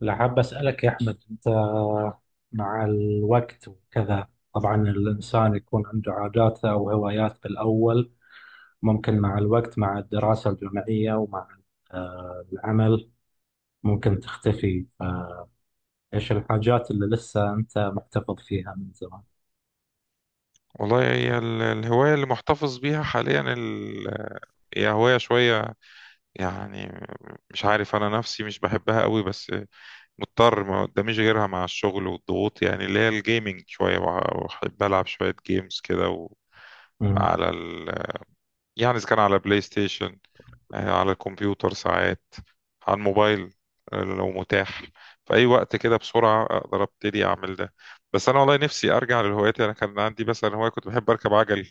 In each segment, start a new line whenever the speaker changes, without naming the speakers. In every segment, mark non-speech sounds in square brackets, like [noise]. لا، حاب أسألك يا أحمد. أنت مع الوقت وكذا، طبعا الإنسان يكون عنده عاداته أو هوايات بالأول. ممكن مع الوقت، مع الدراسة الجامعية، ومع العمل ممكن تختفي. فإيش الحاجات اللي لسه أنت محتفظ فيها من زمان؟
والله هي الهواية اللي محتفظ بيها حاليا هي هواية شوية يعني، مش عارف، أنا نفسي مش بحبها قوي بس مضطر، ما قداميش غيرها مع الشغل والضغوط، يعني اللي هي الجيمنج. شوية بحب ألعب شوية جيمز كده
مم،
على ال... يعني إذا كان على بلاي ستيشن، على الكمبيوتر ساعات، على الموبايل، لو متاح في أي وقت كده بسرعة أقدر أبتدي أعمل ده. بس أنا والله نفسي أرجع للهوايات. أنا كان عندي مثلا هواية كنت بحب أركب عجل.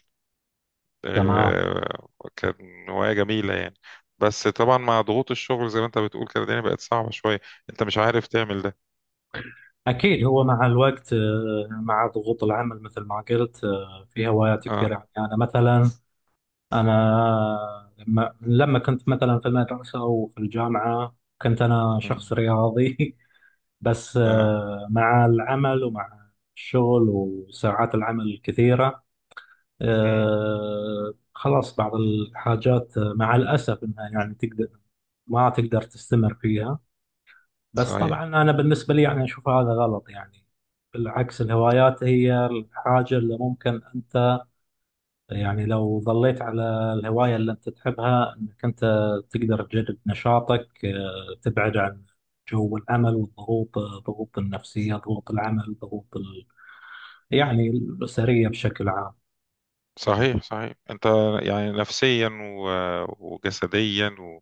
تمام.
آه، كان هواية جميلة يعني. بس طبعا مع ضغوط الشغل، زي ما انت بتقول كده، الدنيا بقت صعبة شوية، انت مش عارف تعمل ده.
أكيد، هو مع الوقت، مع ضغوط العمل مثل ما قلت، في هوايات
اه.
كثيرة. يعني أنا مثلا، أنا لما كنت مثلا في المدرسة وفي الجامعة كنت أنا
مم.
شخص رياضي. [laughs] بس
اه.
مع العمل ومع الشغل وساعات العمل الكثيرة،
مم.
خلاص بعض الحاجات، مع الأسف إنها يعني ما تقدر تستمر فيها. بس
صحيح
طبعا أنا بالنسبة لي يعني أشوف هذا غلط، يعني بالعكس، الهوايات هي الحاجة اللي ممكن أنت، يعني لو ظليت على الهواية اللي أنت تحبها، أنك أنت تقدر تجدد نشاطك، تبعد عن جو العمل والضغوط، ضغوط النفسية، ضغوط العمل، ضغوط يعني الأسرية بشكل عام.
صحيح صحيح. انت يعني نفسيا وجسديا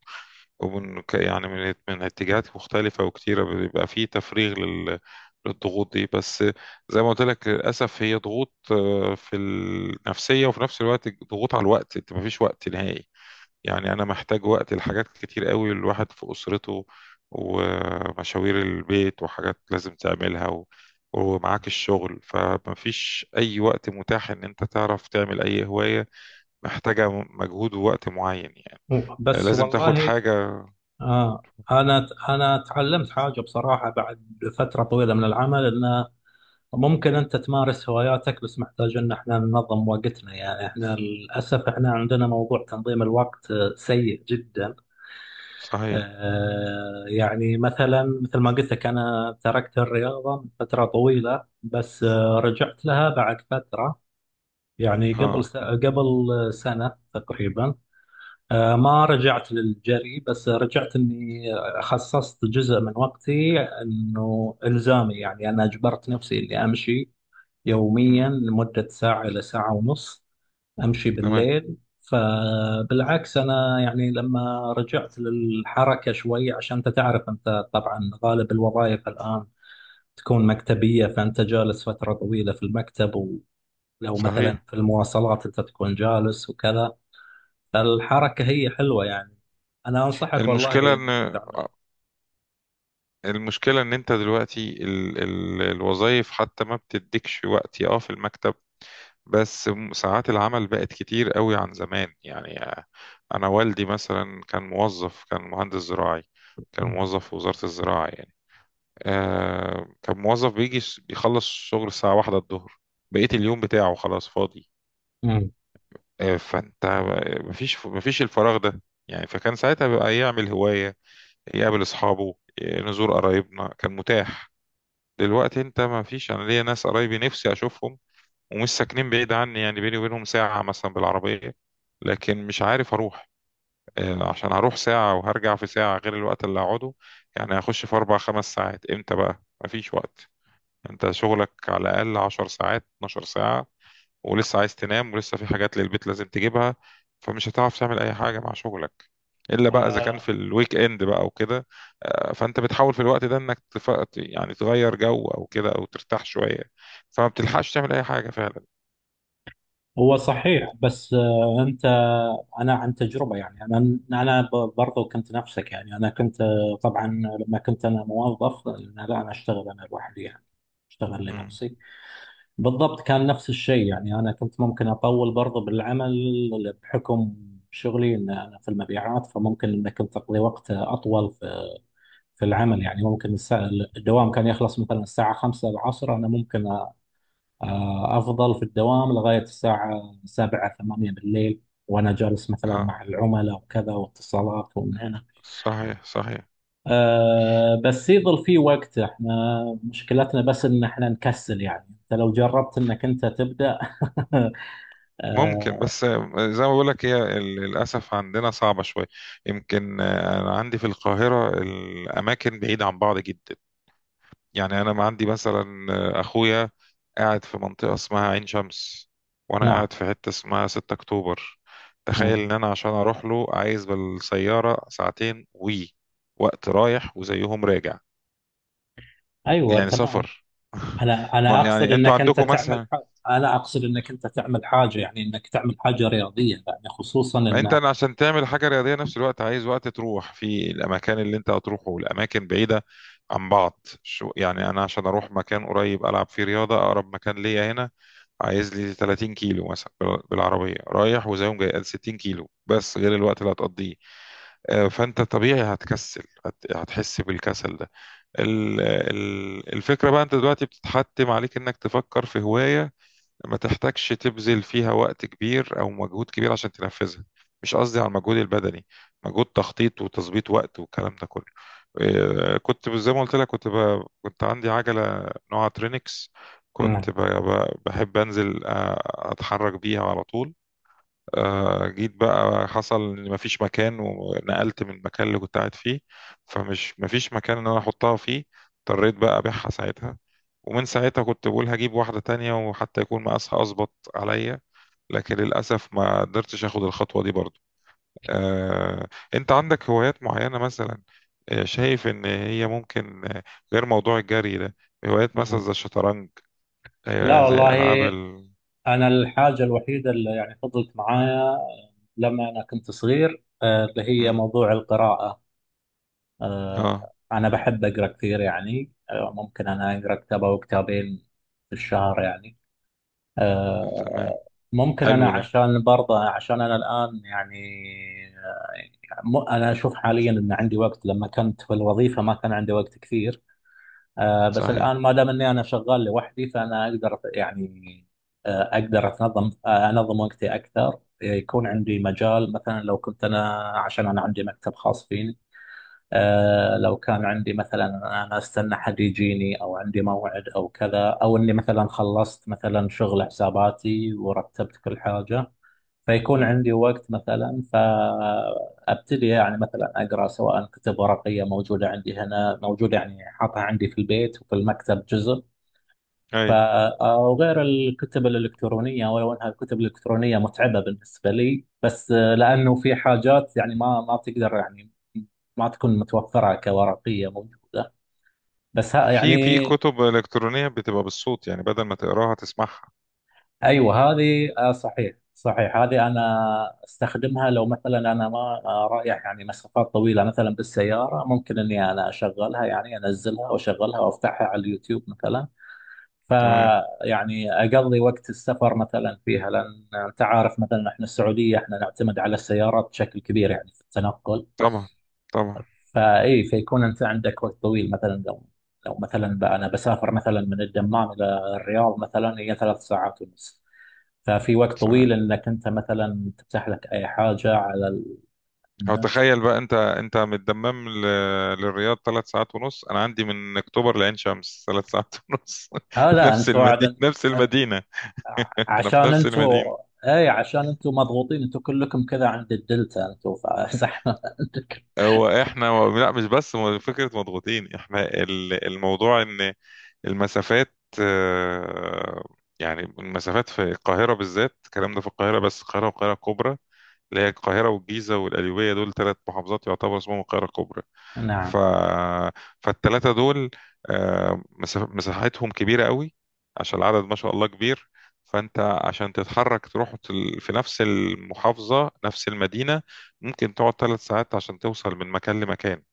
ومن يعني من اتجاهات مختلفة وكتيرة بيبقى فيه تفريغ للضغوط دي. بس زي ما قلت لك، للأسف هي ضغوط، في النفسية وفي نفس الوقت ضغوط على الوقت، انت مفيش وقت نهائي. يعني أنا محتاج وقت لحاجات كتير قوي، الواحد في أسرته ومشاوير البيت وحاجات لازم تعملها ومعاك الشغل، فمفيش أي وقت متاح إن أنت تعرف تعمل أي هواية محتاجة مجهود ووقت معين. يعني
بس
لازم تاخد
والله
حاجة.
آه أنا تعلمت حاجة بصراحة، بعد فترة طويلة من العمل، أنه ممكن أنت تمارس هواياتك بس محتاج أن احنا ننظم وقتنا. يعني احنا للأسف احنا عندنا موضوع تنظيم الوقت سيء جدا.
صحيح.
يعني مثلا، مثل ما قلت لك، أنا تركت الرياضة من فترة طويلة بس رجعت لها بعد فترة، يعني قبل
اه.
قبل سنة تقريبا. ما رجعت للجري، بس رجعت إني خصصت جزء من وقتي إنه إلزامي. يعني أنا أجبرت نفسي إني أمشي يوميا
مم.
لمدة ساعة إلى ساعة ونص. امشي
تمام.
بالليل، فبالعكس انا، يعني لما رجعت للحركه شوي، عشان انت تعرف، انت طبعا غالب الوظائف الان تكون مكتبيه، فانت جالس فتره طويله في المكتب، ولو
صحيح.
مثلا في المواصلات انت تكون جالس وكذا، فالحركه هي حلوه يعني، انا انصحك والله
المشكلة
انك
إن
تعملها.
المشكلة ان انت دلوقتي ال ال الوظائف حتى ما بتديكش وقت في المكتب، بس ساعات العمل بقت كتير قوي عن زمان. يعني انا والدي مثلا كان موظف، كان مهندس زراعي، كان موظف في وزارة الزراعة. يعني كان موظف بيجي، بيخلص شغل الساعة واحدة الظهر، بقية اليوم بتاعه خلاص فاضي.
مم.
فانت مفيش الفراغ ده. يعني فكان ساعتها بقى يعمل هواية، يقابل أصحابه، نزور قرايبنا كان متاح. دلوقتي انت مفيش، انا ليا ناس قرايبي نفسي اشوفهم ومش ساكنين بعيد عني، يعني بيني وبينهم ساعة مثلا بالعربية، لكن مش عارف أروح. عشان هروح ساعة وهرجع في ساعة غير الوقت اللي هقعده، يعني هخش في أربع خمس ساعات، إمتى بقى؟ مفيش وقت. أنت شغلك على الأقل 10 ساعات 12 ساعة، ولسه عايز تنام ولسه في حاجات للبيت لازم تجيبها، فمش هتعرف تعمل أي حاجة مع شغلك، إلا بقى إذا كان في الويك إند بقى وكده. فأنت بتحاول في الوقت ده إنك يعني تغير جو أو كده أو ترتاح شوية، فما بتلحقش تعمل أي حاجة.
هو صحيح، بس انا عن تجربه، يعني انا برضو كنت نفسك. يعني انا كنت طبعا لما كنت انا موظف، لا انا اشتغل انا لوحدي يعني، اشتغل
فعلا.
لنفسي. بالضبط كان نفس الشيء، يعني انا كنت ممكن اطول برضو بالعمل بحكم شغلي، ان انا في المبيعات، فممكن ان كنت اقضي وقت اطول في العمل. يعني ممكن الدوام كان يخلص مثلا الساعه 5 العصر، انا ممكن أفضل في الدوام لغاية الساعة سبعة ثمانية بالليل، وأنا جالس مثلا
اه.
مع العملاء وكذا واتصالات ومن هنا.
صحيح صحيح.
بس يظل في وقت. احنا مشكلتنا بس ان احنا نكسل، يعني انت لو جربت انك انت تبدأ. [laughs]
ممكن
أه،
بس، زي ما بقول لك، هي للاسف عندنا صعبه شويه. يمكن، انا عندي في القاهره الاماكن بعيده عن بعض جدا. يعني انا ما عندي مثلا، اخويا قاعد في منطقه اسمها عين شمس، وانا
نعم.
قاعد في حته اسمها 6 اكتوبر. تخيل
مم.
ان انا عشان اروح له عايز بالسياره ساعتين، وقت رايح وزيهم راجع،
ايوه،
يعني
تمام.
سفر. [laughs]
انا
ما
اقصد
يعني انتوا
انك انت
عندكم
تعمل
مثلا،
حاجة، يعني انك تعمل حاجة رياضية، يعني خصوصا ان.
أنا عشان تعمل حاجه رياضيه نفس الوقت عايز وقت تروح في الاماكن اللي انت هتروحه، والاماكن بعيده عن بعض. شو يعني، انا عشان اروح مكان قريب العب فيه رياضه، اقرب مكان ليا هنا عايز لي 30 كيلو مثلا بالعربيه رايح وزيهم جاي 60 كيلو، بس غير الوقت اللي هتقضيه. فانت طبيعي هتكسل، هتحس بالكسل ده. الفكره بقى انت دلوقتي بتتحتم عليك انك تفكر في هوايه ما تحتاجش تبذل فيها وقت كبير او مجهود كبير عشان تنفذها. مش قصدي على المجهود البدني، مجهود تخطيط وتظبيط وقت والكلام ده كله. إيه، كنت زي ما قلت لك، كنت عندي عجلة نوعها ترينكس،
مم.
بحب انزل، اتحرك بيها على طول. جيت بقى حصل ان مفيش مكان ونقلت من المكان اللي كنت قاعد فيه، مفيش مكان ان انا احطها فيه، اضطريت بقى ابيعها ساعتها. ومن ساعتها كنت بقول هجيب واحدة تانية وحتى يكون مقاسها اظبط عليا، لكن للأسف ما قدرتش اخد الخطوة دي برضو. آه، انت عندك هوايات معينة مثلا، شايف ان هي ممكن، غير موضوع الجري ده، هوايات مثلا
مم.
زي الشطرنج،
لا
زي
والله،
العاب
أنا الحاجة الوحيدة اللي يعني فضلت معايا لما أنا كنت صغير اللي هي
مم.
موضوع القراءة. آه،
اه.
أنا بحب أقرأ كثير. يعني ممكن أنا أقرأ كتاب أو كتابين في الشهر يعني.
تمام.
آه، ممكن أنا
حلو ده.
عشان برضه عشان أنا الآن يعني، أنا أشوف حاليا أن عندي وقت. لما كنت في الوظيفة ما كان عندي وقت كثير، بس
صحيح.
الآن ما دام إني أنا شغال لوحدي، فأنا أقدر يعني، أقدر أتنظم آه أنظم وقتي أكثر. يكون عندي مجال، مثلا لو كنت أنا، عشان أنا عندي مكتب خاص فيني، آه لو كان عندي مثلا، أنا أستنى حد يجيني أو عندي موعد أو كذا، أو إني مثلا خلصت مثلا شغل حساباتي ورتبت كل حاجة، فيكون
مم.
عندي وقت مثلا. فابتدي يعني مثلا اقرا، سواء كتب ورقيه موجوده عندي هنا، موجوده يعني حاطها عندي في البيت وفي المكتب جزء. ف
اي.
او غير الكتب الالكترونيه، ولو انها الكتب الالكترونيه متعبه بالنسبه لي، بس لانه في حاجات يعني ما تقدر يعني ما تكون متوفره كورقيه موجوده. بس ها
في
يعني،
كتب الكترونيه بتبقى بالصوت، يعني بدل ما تقراها تسمعها.
ايوه هذه صحيح صحيح. هذه انا استخدمها لو مثلا انا ما رايح يعني مسافات طويله مثلا بالسياره، ممكن انا اشغلها، يعني انزلها واشغلها وافتحها على اليوتيوب مثلا.
تمام.
فيعني اقضي وقت السفر مثلا فيها، لان انت عارف مثلا احنا السعوديه احنا نعتمد على السيارات بشكل كبير يعني في التنقل.
طبعا. طبعا.
فاي فيكون انت عندك وقت طويل، مثلا لو مثلا انا بسافر مثلا من الدمام الى الرياض، مثلا هي 3 ساعات ونص. ففي وقت
صحيح.
طويل انك انت مثلا تفتح لك اي حاجه على
او
النت.
تخيل بقى، انت من الدمام للرياض 3 ساعات ونص، انا عندي من اكتوبر لعين شمس 3 ساعات ونص.
اه
[laughs]
لا،
نفس
انتوا
المدينه
على
نفس المدينه. [laughs] انا في
عشان
نفس المدينه.
انتوا، اي عشان انتوا مضغوطين انتوا كلكم كذا عند الدلتا انتوا. فصح. [laughs] عندك
هو احنا لا مش بس فكره مضغوطين احنا، الموضوع ان المسافات، يعني المسافات في القاهرة بالذات، الكلام ده في القاهرة بس، القاهرة والقاهرة الكبرى اللي هي القاهرة والجيزة والقليوبية، دول 3 محافظات يعتبر اسمهم القاهرة الكبرى.
نعم،
ف... فالثلاثة دول، مساحتهم كبيرة قوي عشان العدد ما شاء الله كبير. فأنت عشان تتحرك تروح، في نفس المحافظة نفس المدينة، ممكن تقعد 3 ساعات عشان توصل من مكان لمكان.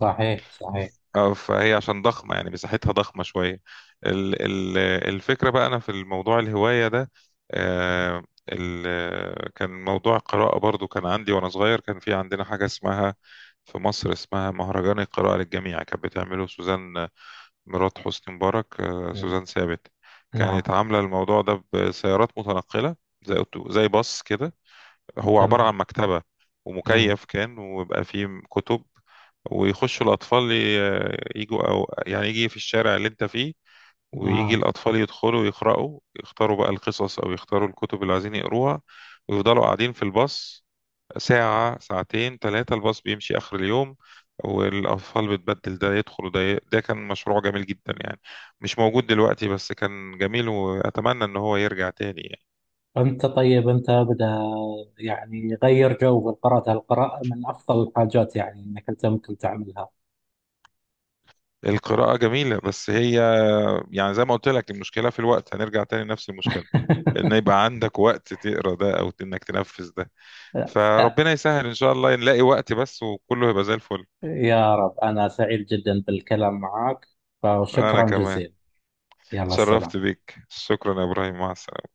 صحيح صحيح.
اه فهي عشان ضخمة، يعني مساحتها ضخمة شوية. ال ال الفكرة بقى أنا في الموضوع الهواية ده، آه ال كان موضوع القراءة برضو كان عندي وأنا صغير. كان في عندنا حاجة اسمها، في مصر اسمها مهرجان القراءة للجميع، كانت بتعمله سوزان مرات حسني مبارك،
مم.
سوزان ثابت.
نعم.
كانت عاملة الموضوع ده بسيارات متنقلة، زي زي باص كده، هو عبارة
تمام.
عن مكتبة
مم.
ومكيف كان، ويبقى فيه كتب ويخشوا الأطفال، يجوا، أو يعني يجي في الشارع اللي أنت فيه ويجي
اه.
الأطفال يدخلوا يقرأوا، يختاروا بقى القصص أو يختاروا الكتب اللي عايزين يقروها ويفضلوا قاعدين في الباص ساعة ساعتين ثلاثة، الباص بيمشي آخر اليوم والأطفال بتبدل، ده يدخل وده ده كان مشروع جميل جدا يعني. مش موجود دلوقتي، بس كان جميل، وأتمنى إن هو يرجع تاني يعني.
انت طيب، انت ابدا، يعني غير جو بالقراءة، القراءة من افضل الحاجات يعني انك انت ممكن تعملها.
القراءة جميلة، بس هي يعني زي ما قلت لك، المشكلة في الوقت، هنرجع تاني لنفس المشكلة، ان
[laughs]
يبقى عندك وقت تقرا ده او انك تنفذ ده. فربنا يسهل ان شاء الله نلاقي وقت بس، وكله يبقى زي الفل.
يا رب، أنا سعيد جدا بالكلام معك،
انا
فشكرا
كمان.
جزيلا. يلا،
اتشرفت
السلام.
بيك، شكرا يا ابراهيم، مع السلامة.